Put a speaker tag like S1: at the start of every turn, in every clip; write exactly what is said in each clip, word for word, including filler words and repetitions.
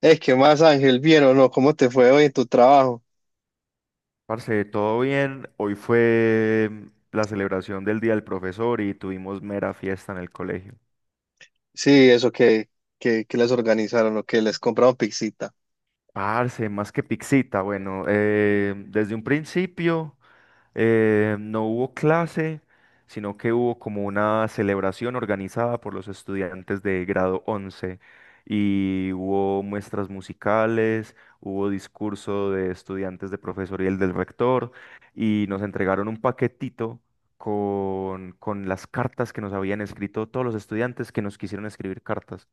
S1: Es que más Ángel, bien o no, ¿cómo te fue hoy en tu trabajo?
S2: Parce, todo bien. Hoy fue mm, la celebración del Día del Profesor y tuvimos mera fiesta en el colegio.
S1: Sí, eso que, que, que les organizaron o que les compraron pixita.
S2: Parce, más que pixita. Bueno, eh, desde un principio. Eh, no hubo clase, sino que hubo como una celebración organizada por los estudiantes de grado once y hubo muestras musicales, hubo discurso de estudiantes de profesor y el del rector y nos entregaron un paquetito con, con las cartas que nos habían escrito todos los estudiantes que nos quisieron escribir cartas.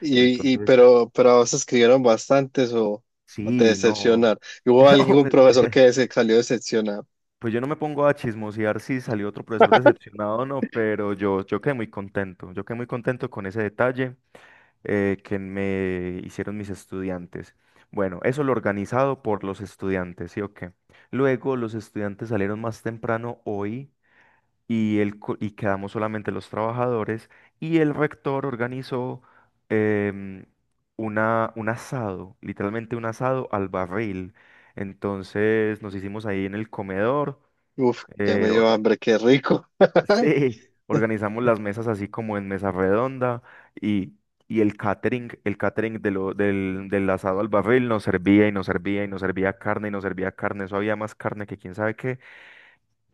S1: Y, y
S2: Entonces,
S1: pero, pero a vos escribieron bastantes o, o te
S2: sí, no,
S1: decepcionaron. ¿Y ¿Hubo
S2: no,
S1: algún
S2: me-
S1: profesor que se salió decepcionado?
S2: pues yo no me pongo a chismosear si salió otro profesor decepcionado o no, pero yo, yo quedé muy contento, yo quedé muy contento con ese detalle eh, que me hicieron mis estudiantes. Bueno, eso lo organizado por los estudiantes, ¿sí o qué? Luego los estudiantes salieron más temprano hoy y, el, co- y quedamos solamente los trabajadores y el rector organizó em, una, un asado, literalmente un asado al barril. Entonces nos hicimos ahí en el comedor
S1: Uf, ya me
S2: eh,
S1: dio
S2: orga-
S1: hambre, qué rico.
S2: sí, organizamos las mesas así como en mesa redonda y, y el catering, el catering de lo, del, del asado al barril nos servía y nos servía y nos servía carne y nos servía carne, eso había más carne que quién sabe qué.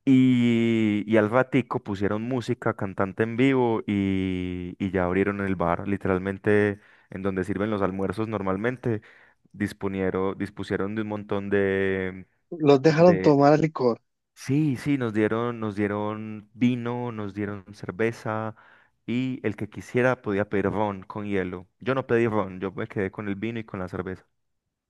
S2: Y, y al ratico pusieron música, cantante en vivo y, y ya abrieron el bar, literalmente en donde sirven los almuerzos normalmente, disponieron, dispusieron de un montón de...
S1: Los dejaron
S2: de-
S1: tomar licor.
S2: Sí, sí, nos dieron, nos dieron vino, nos dieron cerveza y el que quisiera podía pedir ron con hielo. Yo no pedí ron, yo me quedé con el vino y con la cerveza.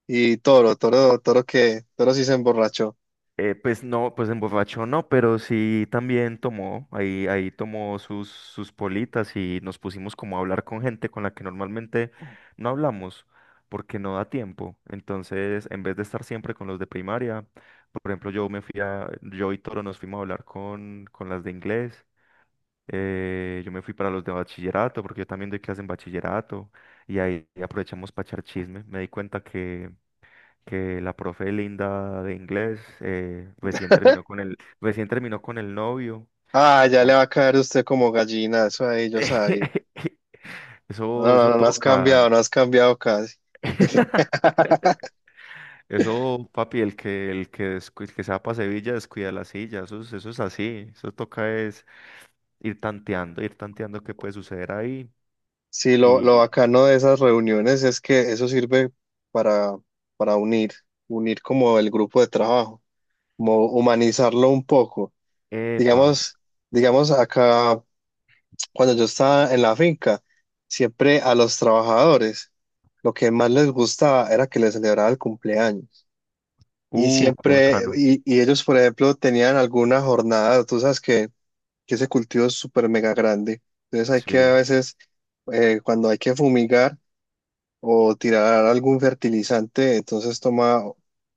S1: Y Toro, Toro, Toro que, Toro sí se emborrachó.
S2: Eh, pues no, pues emborrachó no, pero sí también tomó, ahí, ahí tomó sus, sus politas y nos pusimos como a hablar con gente con la que normalmente no hablamos porque no da tiempo. Entonces, en vez de estar siempre con los de primaria, por ejemplo, yo me fui a, yo y Toro nos fuimos a hablar con, con las de inglés. Eh, yo me fui para los de bachillerato, porque yo también doy clase en bachillerato, y ahí aprovechamos para echar chisme. Me di cuenta que, que la profe Linda de inglés eh, recién terminó con el, recién terminó con el novio.
S1: Ah, ya le
S2: Eh,
S1: va a caer usted como gallina, eso ahí yo sabía. No,
S2: Eso,
S1: no,
S2: eso
S1: no, no has cambiado,
S2: toca.
S1: no has cambiado casi.
S2: Eso, papi, el que, el que, descu- el que se va para Sevilla descuida la silla. Eso, es- eso es así. Eso toca es ir tanteando, ir tanteando qué puede suceder ahí.
S1: Sí, lo, lo
S2: Y,
S1: bacano de esas reuniones es que eso sirve para, para unir, unir como el grupo de trabajo, como humanizarlo un poco.
S2: epa.
S1: Digamos, digamos acá, cuando yo estaba en la finca, siempre a los trabajadores, lo que más les gustaba era que les celebraba el cumpleaños. Y
S2: Uh, qué
S1: siempre,
S2: bacano.
S1: y, y ellos, por ejemplo, tenían alguna jornada, tú sabes que, que ese cultivo es súper mega grande. Entonces hay que
S2: Sí,
S1: a veces, eh, cuando hay que fumigar o tirar algún fertilizante, entonces toma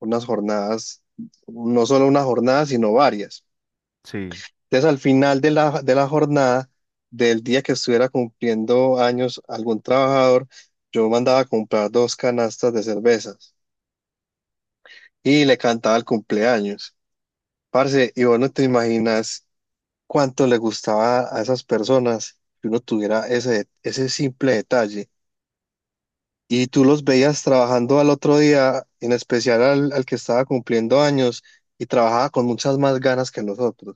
S1: unas jornadas, no solo una jornada, sino varias.
S2: sí,
S1: Entonces al final de la, de la jornada, del día que estuviera cumpliendo años algún trabajador, yo mandaba a comprar dos canastas de cervezas y le cantaba el cumpleaños. Parce, y vos no te imaginas cuánto le gustaba a esas personas que uno tuviera ese, ese simple detalle. Y tú los veías trabajando al otro día, en especial al, al que estaba cumpliendo años, y trabajaba con muchas más ganas que nosotros.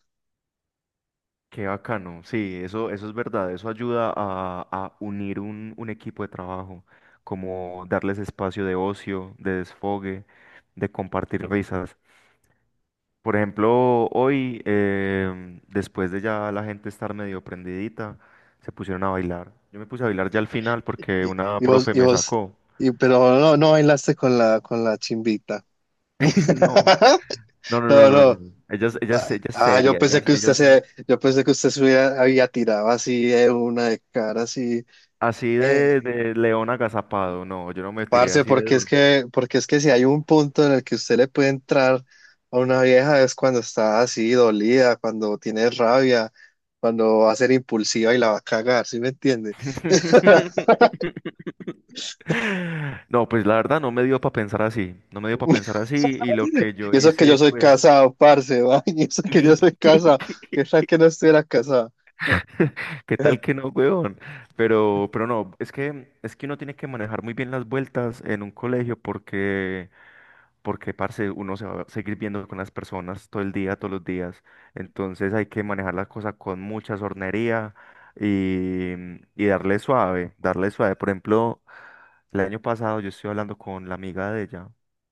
S2: qué bacano. Sí, eso, eso es verdad. Eso ayuda a, a unir un, un equipo de trabajo, como darles espacio de ocio, de desfogue, de compartir risas. Por ejemplo, hoy, em, después de ya la gente estar medio prendidita, se pusieron a bailar. Yo me puse a bailar ya al final porque
S1: Y,
S2: una
S1: y vos,
S2: profe
S1: y
S2: me
S1: vos,
S2: sacó.
S1: y, pero no, no no bailaste con la, con la chimbita.
S2: No, no, no, no,
S1: No,
S2: no,
S1: no.
S2: no. Ella es, ella es, ella es
S1: Ah, yo
S2: seria, ella
S1: pensé
S2: es,
S1: que
S2: ella
S1: usted
S2: es-
S1: se, yo pensé que usted se hubiera- había tirado así de una de cara, así.
S2: Así
S1: eh,
S2: de, de león agazapado, no, yo no me tiré
S1: Parce,
S2: así de
S1: porque es
S2: duro.
S1: que, porque es que si hay un punto en el que usted le puede entrar a una vieja es cuando está así dolida, cuando tiene rabia, cuando va a ser impulsiva y la va a cagar, ¿sí me entiende?
S2: No, pues la verdad no me dio para pensar así, no me dio para pensar así y lo que yo
S1: Y eso que yo
S2: hice
S1: soy
S2: fue...
S1: casado, parce, va, y eso que yo soy casado, que tal que no estuviera casado.
S2: ¿Qué tal que no, huevón? Pero, pero no, es que, es que uno tiene que manejar muy bien las vueltas en un colegio porque porque, parce, uno se va a seguir viendo con las personas todo el día, todos los días. Entonces hay que manejar la cosa con mucha sornería y, y darle suave, darle suave. Por ejemplo, el año pasado yo estoy hablando con la amiga de ella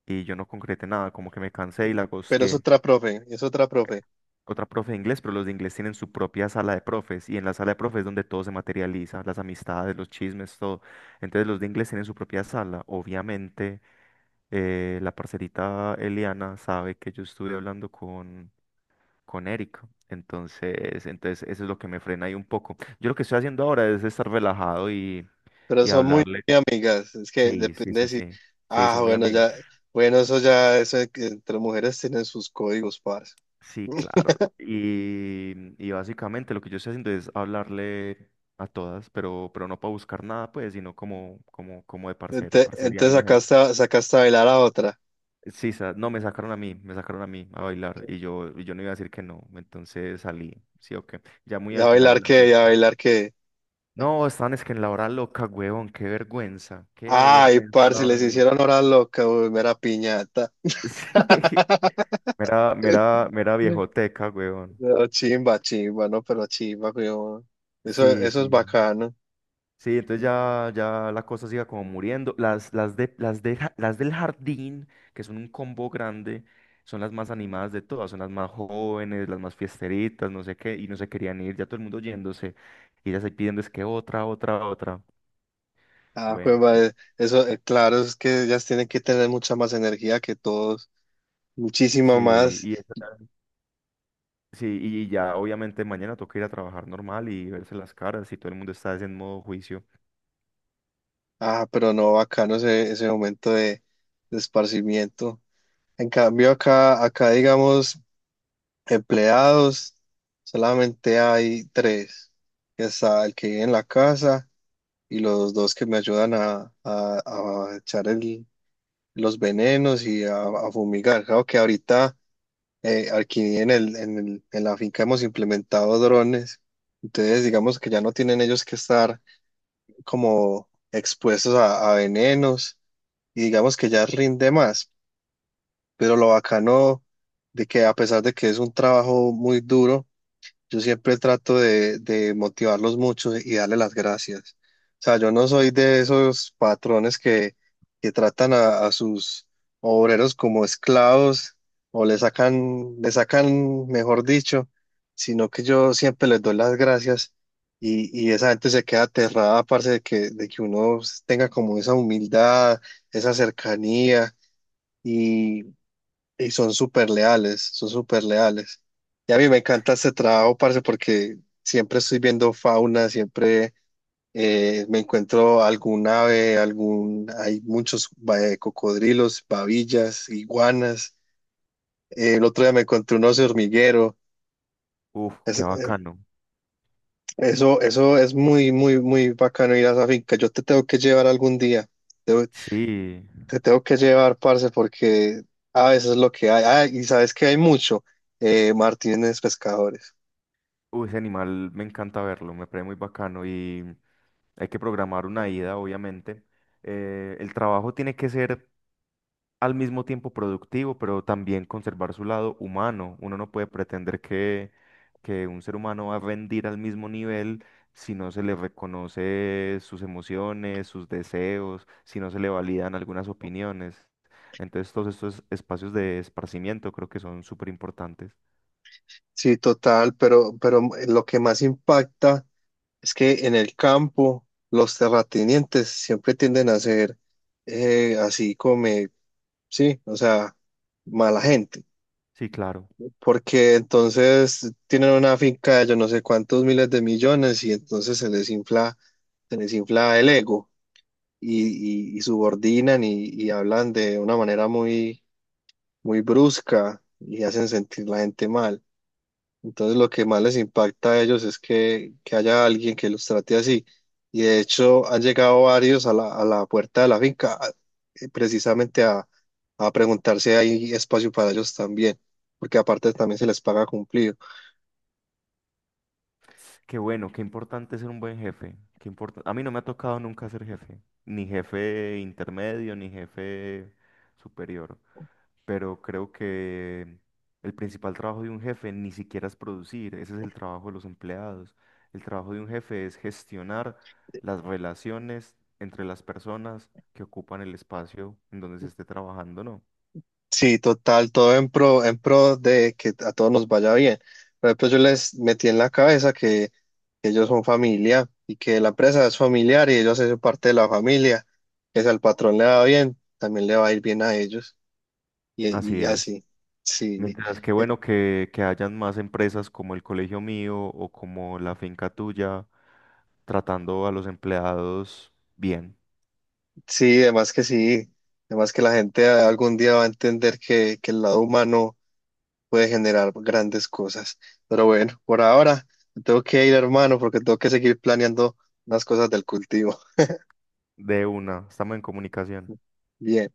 S2: y yo no concreté nada, como que me cansé y la
S1: Pero es
S2: ghosteé.
S1: otra profe, es otra profe.
S2: Otra profe de inglés, pero los de inglés tienen su propia sala de profes y en la sala de profes es donde todo se materializa, las amistades, los chismes, todo. Entonces los de inglés tienen su propia sala, obviamente eh, la parcerita Eliana sabe que yo estuve hablando con, con Erika. Entonces, entonces eso es lo que me frena ahí un poco. Yo lo que estoy haciendo ahora es estar relajado y,
S1: Pero
S2: y
S1: son muy
S2: hablarle.
S1: amigas. Es que
S2: Sí, sí,
S1: depende
S2: sí,
S1: si.
S2: sí. Sí,
S1: Ah,
S2: son muy
S1: bueno,
S2: amigas.
S1: ya. Bueno, eso ya, eso de que entre mujeres tienen sus códigos, parce.
S2: Sí, claro. Y, y básicamente lo que yo estoy haciendo es hablarle a todas, pero, pero no para buscar nada, pues, sino como, como, como de parcero,
S1: Ente- Entonces
S2: parceriando.
S1: sacaste, a- sacaste a bailar a otra.
S2: Sí, sa- no, me sacaron a mí, me sacaron a mí a bailar y yo, y yo no iba a decir que no, entonces salí, sí o qué, ya muy
S1: ¿Y a
S2: al final de
S1: bailar
S2: la
S1: qué? ¿Y a
S2: fiesta.
S1: bailar qué?
S2: No, están es que en la hora loca, huevón, qué vergüenza, qué
S1: Ay,
S2: vergüenza la
S1: parce,
S2: hora
S1: les hicieron
S2: loca.
S1: hora loca, uy, mera piñata.
S2: Sí, mera, mera, mera viejoteca, huevón.
S1: No, chimba, chimba, no, pero chimba, weón. Eso,
S2: Sí,
S1: eso es
S2: sí.
S1: bacano.
S2: Sí, entonces ya, ya la cosa siga como muriendo. Las, las, de, las, de ja- las del jardín, que son un combo grande, son las más animadas de todas, son las más jóvenes, las más fiesteritas, no sé qué, y no se querían ir, ya todo el mundo yéndose, y ya ahí pidiendo es que otra, otra, otra.
S1: Ah, pues,
S2: Bueno, en-
S1: madre, eso, eh, claro, es que ellas tienen que tener mucha más energía que todos, muchísima
S2: sí,
S1: más.
S2: y, esa- sí, y ya obviamente mañana toca ir a trabajar normal y verse las caras, y todo el mundo está en modo juicio.
S1: Ah, pero no, bacano ese, ese momento de, de esparcimiento. En cambio, acá, acá, digamos, empleados, solamente hay tres. Que Está el que vive en la casa, y los dos que me ayudan a, a- a echar el- los venenos y a, a fumigar. Claro que ahorita eh, aquí en el, en el- en la finca hemos implementado drones, entonces digamos que ya no tienen ellos que estar como expuestos a, a venenos y digamos que ya rinde más, pero lo bacano de que a pesar de que es un trabajo muy duro, yo siempre trato de, de motivarlos mucho y darle las gracias. O sea, yo no soy de esos patrones que, que tratan a, a sus obreros como esclavos o le sacan, le sacan, mejor dicho, sino que yo siempre les doy las gracias y, y esa gente se queda aterrada, parce, de que, de que uno tenga como esa humildad, esa cercanía y son súper leales, son súper leales. Y a mí me encanta este trabajo, parce, porque siempre estoy viendo fauna, siempre eh, me encuentro algún ave, algún, hay muchos eh, cocodrilos, babillas, iguanas. Eh, el otro día me encontré un oso hormiguero.
S2: Uf,
S1: Es-
S2: qué
S1: eh,
S2: bacano.
S1: Eso, eso es muy, muy, muy bacano ir a esa finca. Yo te tengo que llevar algún día. Te,
S2: Sí,
S1: te tengo que llevar, parce, porque a veces es lo que hay. Ah, y sabes que hay mucho. eh, Martínez Pescadores.
S2: uy, ese animal me encanta verlo, me parece muy bacano y hay que programar una ida, obviamente. Eh, el trabajo tiene que ser al mismo tiempo productivo, pero también conservar su lado humano. Uno no puede pretender que, que un ser humano va a rendir al mismo nivel si no se le reconoce sus emociones, sus deseos, si no se le validan algunas opiniones. Entonces, todos estos espacios de esparcimiento creo que son súper importantes.
S1: Sí, total, pero, pero lo que más impacta es que en el campo los terratenientes siempre tienden a ser eh, así como, sí, o sea, mala gente,
S2: Sí, claro.
S1: porque entonces tienen una finca de yo no sé cuántos miles de millones y entonces se les infla, se les infla el ego y, y- y subordinan y, y hablan de una manera muy, muy brusca y hacen sentir la gente mal. Entonces lo que más les impacta a ellos es que, que haya alguien que los trate así. Y de hecho han llegado varios a la, a la puerta de la finca a- eh, precisamente a, a preguntar si hay espacio para ellos también, porque aparte también se les paga cumplido.
S2: Qué bueno, qué importante ser un buen jefe. Qué importa- A mí no me ha tocado nunca ser jefe, ni jefe intermedio, ni jefe superior. Pero creo que el principal trabajo de un jefe ni siquiera es producir, ese es el trabajo de los empleados. El trabajo de un jefe es gestionar las relaciones entre las personas que ocupan el espacio en donde se esté trabajando, ¿no?
S1: Sí, total, todo en pro, en pro de que a todos nos vaya bien. Por ejemplo, yo les metí en la cabeza que ellos son familia y que la empresa es familiar y ellos hacen parte de la familia, que si al patrón le va bien, también le va a ir bien a ellos. Y,
S2: Así
S1: y
S2: es.
S1: así, sí,
S2: Mientras que
S1: eh,
S2: bueno que, que hayan más empresas como el colegio mío o como la finca tuya, tratando a los empleados bien.
S1: sí, además que sí, además que la gente algún día va a entender que, que el lado humano puede generar grandes cosas. Pero bueno, por ahora me tengo que ir, hermano, porque tengo que seguir planeando unas cosas del cultivo.
S2: De una, estamos en comunicación.
S1: Bien.